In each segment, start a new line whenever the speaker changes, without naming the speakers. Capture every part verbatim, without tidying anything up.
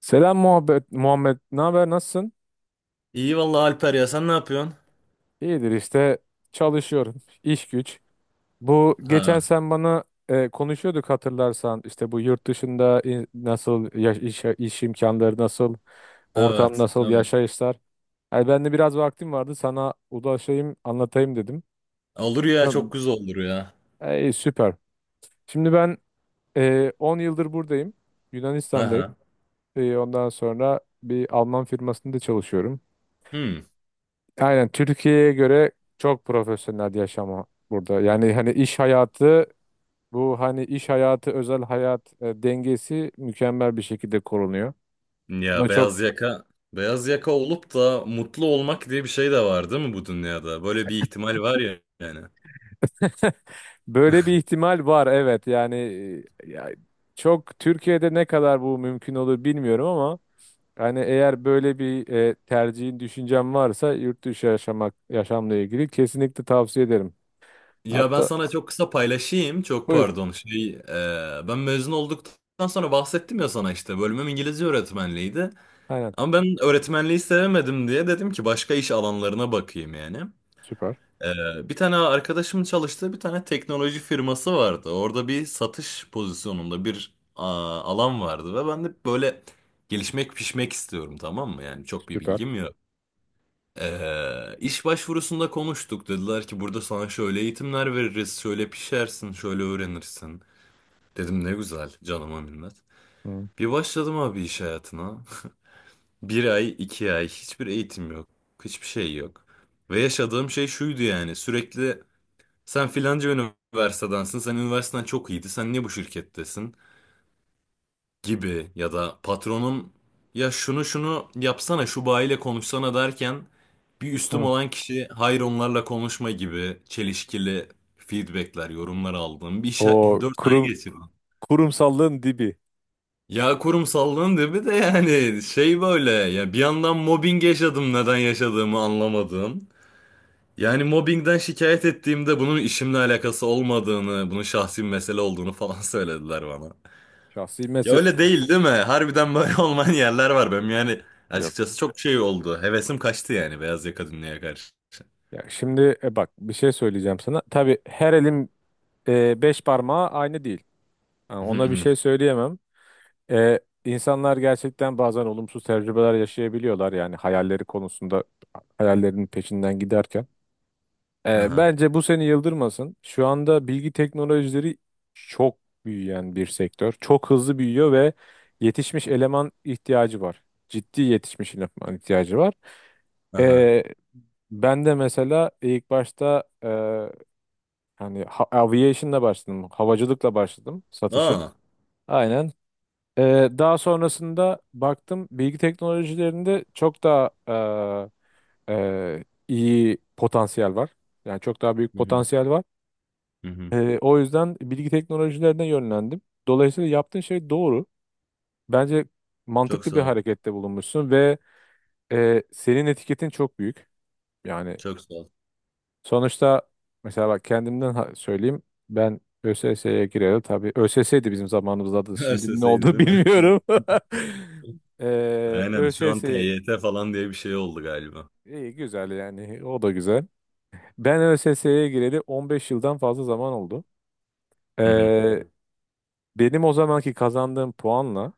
Selam muhabbet Muhammed. Ne haber? Nasılsın?
İyi vallahi Alper, ya sen ne yapıyorsun?
İyidir işte, çalışıyorum. İş güç. Bu geçen
Ha,
sen bana e, konuşuyorduk hatırlarsan İşte bu yurt dışında in- nasıl ya- iş, iş imkanları nasıl, ortam
evet,
nasıl,
evet.
yaşayışlar? Yani ben de biraz vaktim vardı, sana ulaşayım anlatayım dedim.
Olur ya,
Ya,
çok güzel olur ya.
ey, süper. Şimdi ben e, on yıldır buradayım. Yunanistan'dayım.
Aha.
E, ondan sonra bir Alman firmasında çalışıyorum.
Hmm.
Aynen, Türkiye'ye göre çok profesyonel yaşama burada. Yani hani iş hayatı, bu hani iş hayatı özel hayat e, dengesi mükemmel bir şekilde korunuyor.
Ya
Buna çok.
beyaz yaka beyaz yaka olup da mutlu olmak diye bir şey de var değil mi bu dünyada? Böyle bir ihtimal var ya yani.
Böyle bir ihtimal var, evet yani. E, ya, çok Türkiye'de ne kadar bu mümkün olur bilmiyorum ama yani eğer böyle bir e, tercihin, düşüncen varsa yurt dışı yaşamak, yaşamla ilgili kesinlikle tavsiye ederim.
Ya ben
Hatta
sana çok kısa paylaşayım. Çok
buyur,
pardon. Şey, e, ben mezun olduktan sonra bahsettim ya sana işte. Bölümüm İngilizce öğretmenliğiydi.
aynen,
Ama ben öğretmenliği sevemedim diye dedim ki başka iş alanlarına bakayım yani.
süper
Ee, bir tane arkadaşımın çalıştığı bir tane teknoloji firması vardı. Orada bir satış pozisyonunda bir aa, alan vardı ve ben de böyle gelişmek pişmek istiyorum, tamam mı? Yani çok bir
süper.
bilgim yok. Ee, iş başvurusunda konuştuk. Dediler ki burada sana şöyle eğitimler veririz, şöyle pişersin, şöyle öğrenirsin. Dedim ne güzel, canıma minnet.
Hı.
Bir başladım abi iş hayatına. Bir ay, iki ay hiçbir eğitim yok, hiçbir şey yok. Ve yaşadığım şey şuydu: yani sürekli sen filanca üniversitedensin. Sen üniversiteden çok iyiydi. Sen niye bu şirkettesin? Gibi ya da patronum ya şunu şunu yapsana, şu bayiyle konuşsana derken bir üstüm
Hı.
olan kişi hayır onlarla konuşma gibi çelişkili feedbackler, yorumlar aldım. Bir şey
O
dört ay
kurum
geçirdim.
Kurumsallığın dibi.
Ya kurumsallığın dibi de yani şey böyle ya, bir yandan mobbing yaşadım, neden yaşadığımı anlamadım. Yani mobbingden şikayet ettiğimde bunun işimle alakası olmadığını, bunun şahsi bir mesele olduğunu falan söylediler bana.
Şahsi
Ya
mesele
öyle değil değil mi? Harbiden böyle olmayan yerler var benim yani.
yok.
Açıkçası çok şey oldu. Hevesim kaçtı yani beyaz yaka dünyaya karşı.
Ya şimdi e, bak bir şey söyleyeceğim sana. Tabii her elin e, beş parmağı aynı değil. Yani
Hı
ona bir
hı.
şey söyleyemem. E, insanlar gerçekten bazen olumsuz tecrübeler yaşayabiliyorlar. Yani hayalleri konusunda, hayallerinin peşinden giderken. E,
Aha.
bence bu seni yıldırmasın. Şu anda bilgi teknolojileri çok büyüyen bir sektör. Çok hızlı büyüyor ve yetişmiş eleman ihtiyacı var. Ciddi yetişmiş eleman ihtiyacı var.
Aha.
E, Ben de mesela ilk başta e, hani ha- aviation'la başladım. Havacılıkla başladım satışa.
Aa.
Aynen. E, daha sonrasında baktım bilgi teknolojilerinde çok daha e, e, iyi potansiyel var. Yani çok daha büyük
Hı hı.
potansiyel var.
Hı hı.
E, o yüzden bilgi teknolojilerine yönlendim. Dolayısıyla yaptığın şey doğru. Bence
Çok
mantıklı
sağ
bir
ol.
harekette bulunmuşsun ve e, senin etiketin çok büyük. Yani
Çok sağ ol.
sonuçta mesela bak kendimden ha- söyleyeyim. Ben ÖSS'ye gireli, tabii ÖSS'ydi bizim zamanımızda adı. Şimdi ne
Ö S S'ydi
oldu
değil mi?
bilmiyorum. Ee,
Aynen şu an T
ÖSS,
Y T falan diye bir şey oldu galiba.
iyi güzel yani, o da güzel. Ben ÖSS'ye gireli on beş yıldan fazla zaman oldu. Ee,
Hı hı.
Hmm. benim o zamanki kazandığım puanla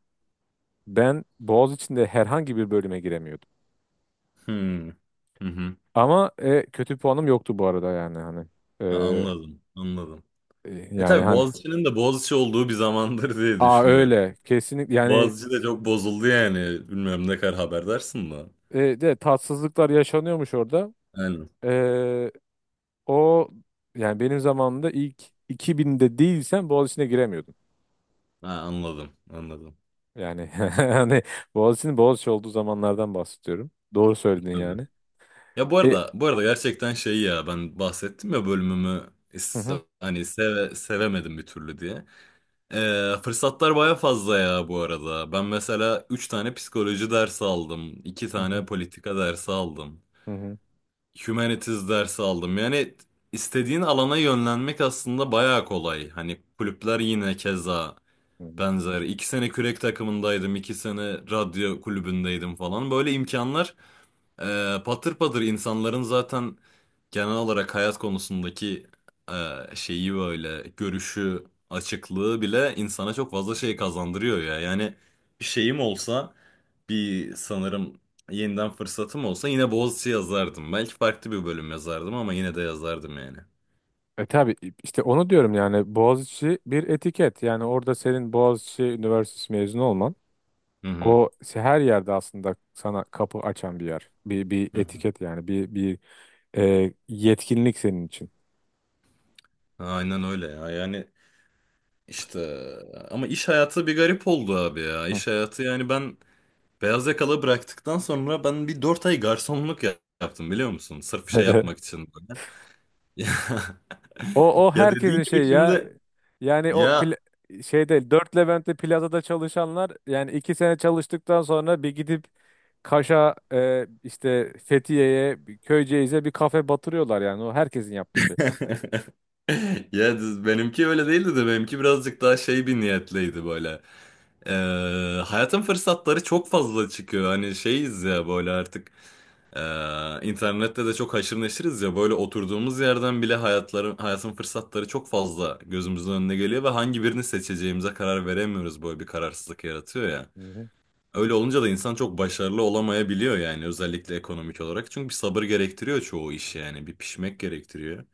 ben Boğaziçi'nde herhangi bir bölüme giremiyordum.
Hı hı. Hı hı.
Ama e, kötü puanım yoktu bu arada, yani hani.
Ha,
Ee,
anladım. Anladım.
e,
E
yani
tabii
hani.
Boğaziçi'nin de Boğaziçi olduğu bir zamandır diye
Aa,
düşünüyorum.
öyle kesinlikle yani
Boğaziçi de çok bozuldu yani. Bilmiyorum ne kadar haberdarsın da.
e, de tatsızlıklar yaşanıyormuş orada.
Aynen.
E, O yani benim zamanımda, ilk iki binde değilsen Boğaziçi'ne giremiyordun.
Ha, anladım. Anladım.
Yani hani Boğaziçi'nin Boğaziçi olduğu zamanlardan bahsediyorum. Doğru söyledin
Tabii.
yani.
Ya bu
E,
arada bu arada gerçekten şey ya, ben bahsettim ya bölümümü
hı hı,
is- hani seve, sevemedim bir türlü diye. Ee, fırsatlar baya fazla ya bu arada. Ben mesela üç tane psikoloji dersi aldım. İki
hı hı,
tane politika dersi aldım.
hı hı,
Humanities dersi aldım. Yani istediğin alana yönlenmek aslında bayağı kolay. Hani kulüpler yine keza
hı hı.
benzer. iki sene kürek takımındaydım, iki sene radyo kulübündeydim falan. Böyle imkanlar ee, patır patır, insanların zaten genel olarak hayat konusundaki e, şeyi, böyle görüşü, açıklığı bile insana çok fazla şey kazandırıyor ya. Yani bir şeyim olsa bir sanırım yeniden fırsatım olsa yine Boğaziçi yazardım. Belki farklı bir bölüm yazardım ama yine de yazardım yani.
E tabii işte onu diyorum yani, Boğaziçi bir etiket. Yani orada senin Boğaziçi Üniversitesi mezunu olman,
Hı hı.
o her yerde aslında sana kapı açan bir yer. Bir, bir
Hı hı.
etiket yani, bir, bir e, yetkinlik senin için.
Aynen öyle ya. Yani işte ama iş hayatı bir garip oldu abi ya. İş hayatı, yani ben beyaz yakalı bıraktıktan sonra ben bir dört ay garsonluk ya- yaptım, biliyor musun? Sırf şey yapmak için böyle. Ya,
O o
ya dediğin
herkesin
gibi
şeyi ya.
şimdi
Yani o
ya
pla- şey değil. Dört Levent'te plazada çalışanlar yani iki sene çalıştıktan sonra bir gidip Kaş'a, e, işte Fethiye'ye, bir Köyceğiz'e bir kafe batırıyorlar yani. O herkesin yaptığı şey.
ya düz- benimki öyle değildi de benimki birazcık daha şey, bir niyetliydi böyle. Ee, Hayatın fırsatları çok fazla çıkıyor. Hani şeyiz ya böyle artık Ee, internette de çok haşır neşiriz ya, böyle oturduğumuz yerden bile hayatların, hayatın fırsatları çok fazla gözümüzün önüne geliyor ve hangi birini seçeceğimize karar veremiyoruz, böyle bir kararsızlık yaratıyor ya.
Hı hı.
Öyle olunca da insan çok başarılı olamayabiliyor yani, özellikle ekonomik olarak. Çünkü bir sabır gerektiriyor çoğu iş, yani bir pişmek gerektiriyor.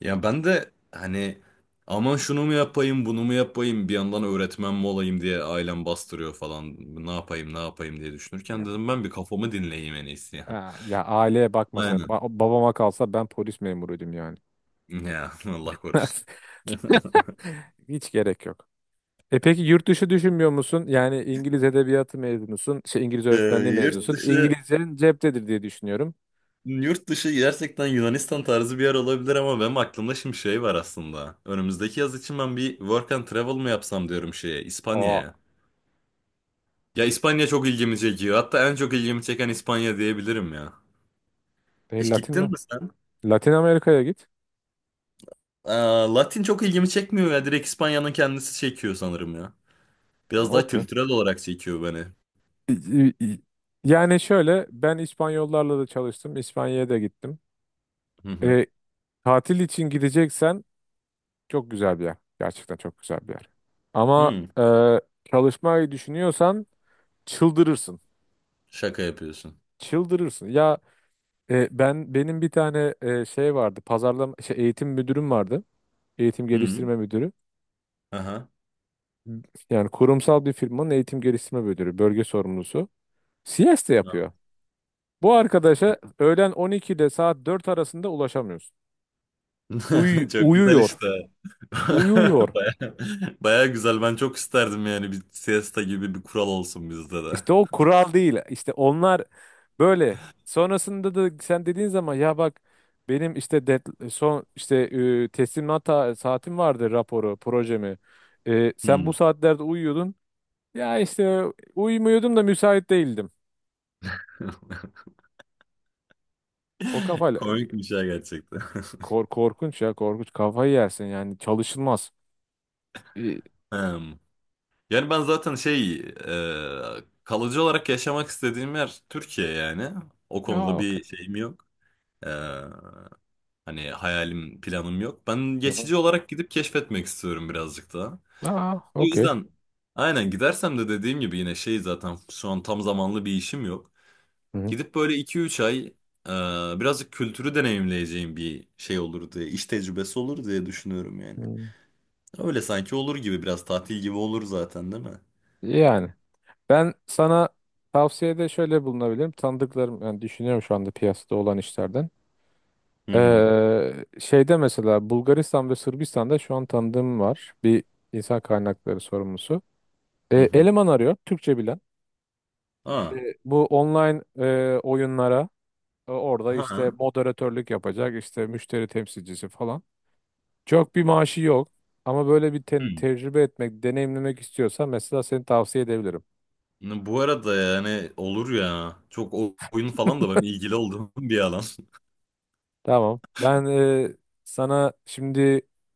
Ya ben de hani aman şunu mu yapayım bunu mu yapayım, bir yandan öğretmen mi olayım diye ailem bastırıyor falan, ne yapayım ne yapayım diye düşünürken
Ya,
dedim ben bir kafamı dinleyeyim en iyisi ya.
ha, ya aileye bakma sen. Ba-
Aynen.
babama kalsa ben polis memuruydum yani.
Ya Allah korusun.
Hiç gerek yok. E peki yurt dışı düşünmüyor musun? Yani İngiliz edebiyatı mezunusun, şey, İngiliz
Ee,
öğretmenliği
Yurt
mezunusun.
dışı,
İngilizcenin ceptedir diye düşünüyorum.
yurt dışı gerçekten Yunanistan tarzı bir yer olabilir ama benim aklımda şimdi şey var aslında. Önümüzdeki yaz için ben bir work and travel mı yapsam diyorum şeye,
Aa,
İspanya'ya. Ya İspanya çok ilgimi çekiyor. Hatta en çok ilgimi çeken İspanya diyebilirim ya.
e,
Hiç gittin
Latin,
mi sen?
Latin Amerika'ya git.
Aa, Latin çok ilgimi çekmiyor ya. Direkt İspanya'nın kendisi çekiyor sanırım ya.
Ha,
Biraz daha
okey.
kültürel olarak çekiyor beni.
İ- i- Yani şöyle, ben İspanyollarla da çalıştım. İspanya'ya da gittim.
Hı hı.
E, Tatil için gideceksen çok güzel bir yer. Gerçekten çok güzel bir yer. Ama
Hı.
e, çalışmayı düşünüyorsan çıldırırsın.
Şaka yapıyorsun.
Çıldırırsın. Ya, E, ben, benim bir tane e, şey vardı. Pazarlama, şey, eğitim müdürüm vardı. Eğitim
Hı.
geliştirme müdürü.
Aha.
Yani kurumsal bir firmanın eğitim geliştirme müdürü, bölge sorumlusu. C S de yapıyor. Bu arkadaşa öğlen on iki ile saat dört arasında ulaşamıyorsun. Uy
Çok güzel
uyuyor.
işte.
Uyuyor.
Baya, baya güzel. Ben çok isterdim yani bir siesta gibi bir kural olsun bizde de.
İşte o kural değil. İşte onlar böyle. Sonrasında da sen dediğin zaman, ya bak benim işte dead- son, işte e, teslimat ta- saatim vardı raporu, projemi. E, sen bu
Hmm.
saatlerde uyuyordun. Ya işte, uyumuyordum da müsait değildim. O kafayla
Komikmiş ya gerçekten.
kor korkunç, ya korkunç, kafayı yersin yani, çalışılmaz. İyi.
Hmm. Yani ben zaten şey, e, kalıcı olarak yaşamak istediğim yer Türkiye yani. O
Aa,
konuda
okey.
bir şeyim yok. E, hani hayalim, planım yok. Ben
Hı hı.
geçici olarak gidip keşfetmek istiyorum birazcık daha.
Aa,
O
okey.
yüzden aynen, gidersem de dediğim gibi yine şey, zaten şu an tam zamanlı bir işim yok.
Hı hı.
Gidip böyle iki üç ay e, birazcık kültürü deneyimleyeceğim bir şey olur diye, iş tecrübesi olur diye düşünüyorum yani.
Hı.
Öyle sanki olur gibi, biraz tatil gibi olur zaten değil mi?
Yani ben sana tavsiyede şöyle bulunabilirim. Tanıdıklarım, yani düşünüyorum şu anda piyasada olan işlerden.
Hı hı,
Ee, şeyde mesela, Bulgaristan ve Sırbistan'da şu an tanıdığım var. Bir insan kaynakları sorumlusu.
hı
Ee,
hı.
eleman arıyor Türkçe bilen.
Aa,
Ee, bu online e, oyunlara. E, Orada işte
ha.
moderatörlük yapacak, işte müşteri temsilcisi falan. Çok bir maaşı yok ama böyle bir
Hı.
te- tecrübe etmek, deneyimlemek istiyorsan mesela seni tavsiye edebilirim.
Bu arada yani olur ya. Çok o- oyun falan da ben ilgili olduğum bir alan.
Tamam. Ben e, sana şimdi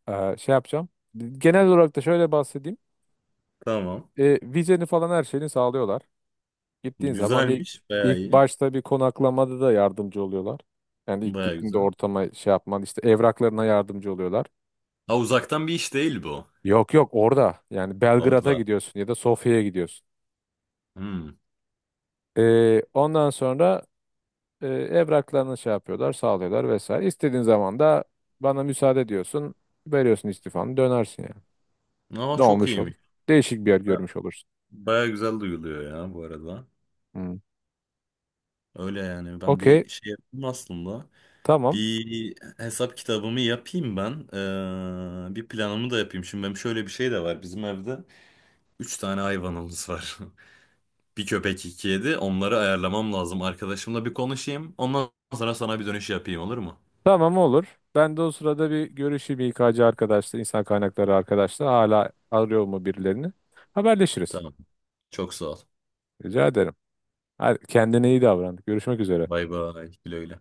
e, şey yapacağım. Genel olarak da şöyle bahsedeyim.
Tamam.
E, vizeni falan, her şeyini sağlıyorlar. Gittiğin zaman ilk,
Güzelmiş, bayağı
ilk
iyi.
başta bir konaklamada da yardımcı oluyorlar. Yani ilk
Bayağı
gittiğinde
güzel.
ortama şey yapman, işte evraklarına yardımcı oluyorlar.
Ha, uzaktan bir iş değil bu.
Yok yok, orada. Yani Belgrad'a
Orada.
gidiyorsun ya da Sofya'ya gidiyorsun.
Hı.
Ee, ondan sonra e, evraklarını şey yapıyorlar, sağlıyorlar vesaire. İstediğin zaman da bana müsaade diyorsun, veriyorsun istifanı, dönersin yani.
Aa
Ne
çok
olmuş olur?
iyiymiş.
Değişik bir yer
Ba-
görmüş olursun.
Bayağı güzel duyuluyor ya bu arada.
Hmm.
Öyle yani ben
Okey,
bir şey yapayım aslında.
tamam.
Bir hesap kitabımı yapayım ben. Ee, bir planımı da yapayım. Şimdi benim şöyle bir şey de var. Bizim evde üç tane hayvanımız var. Bir köpek, iki kedi. Onları ayarlamam lazım. Arkadaşımla bir konuşayım. Ondan sonra sana bir dönüş yapayım, olur mu?
Tamam olur. Ben de o sırada bir görüşeyim İK'cı arkadaşla, insan kaynakları arkadaşla. Hala arıyor mu birilerini? Haberleşiriz.
Tamam. Çok sağ ol.
Rica ederim. Hadi, kendine iyi davran. Görüşmek üzere.
Bay bay. Güle güle.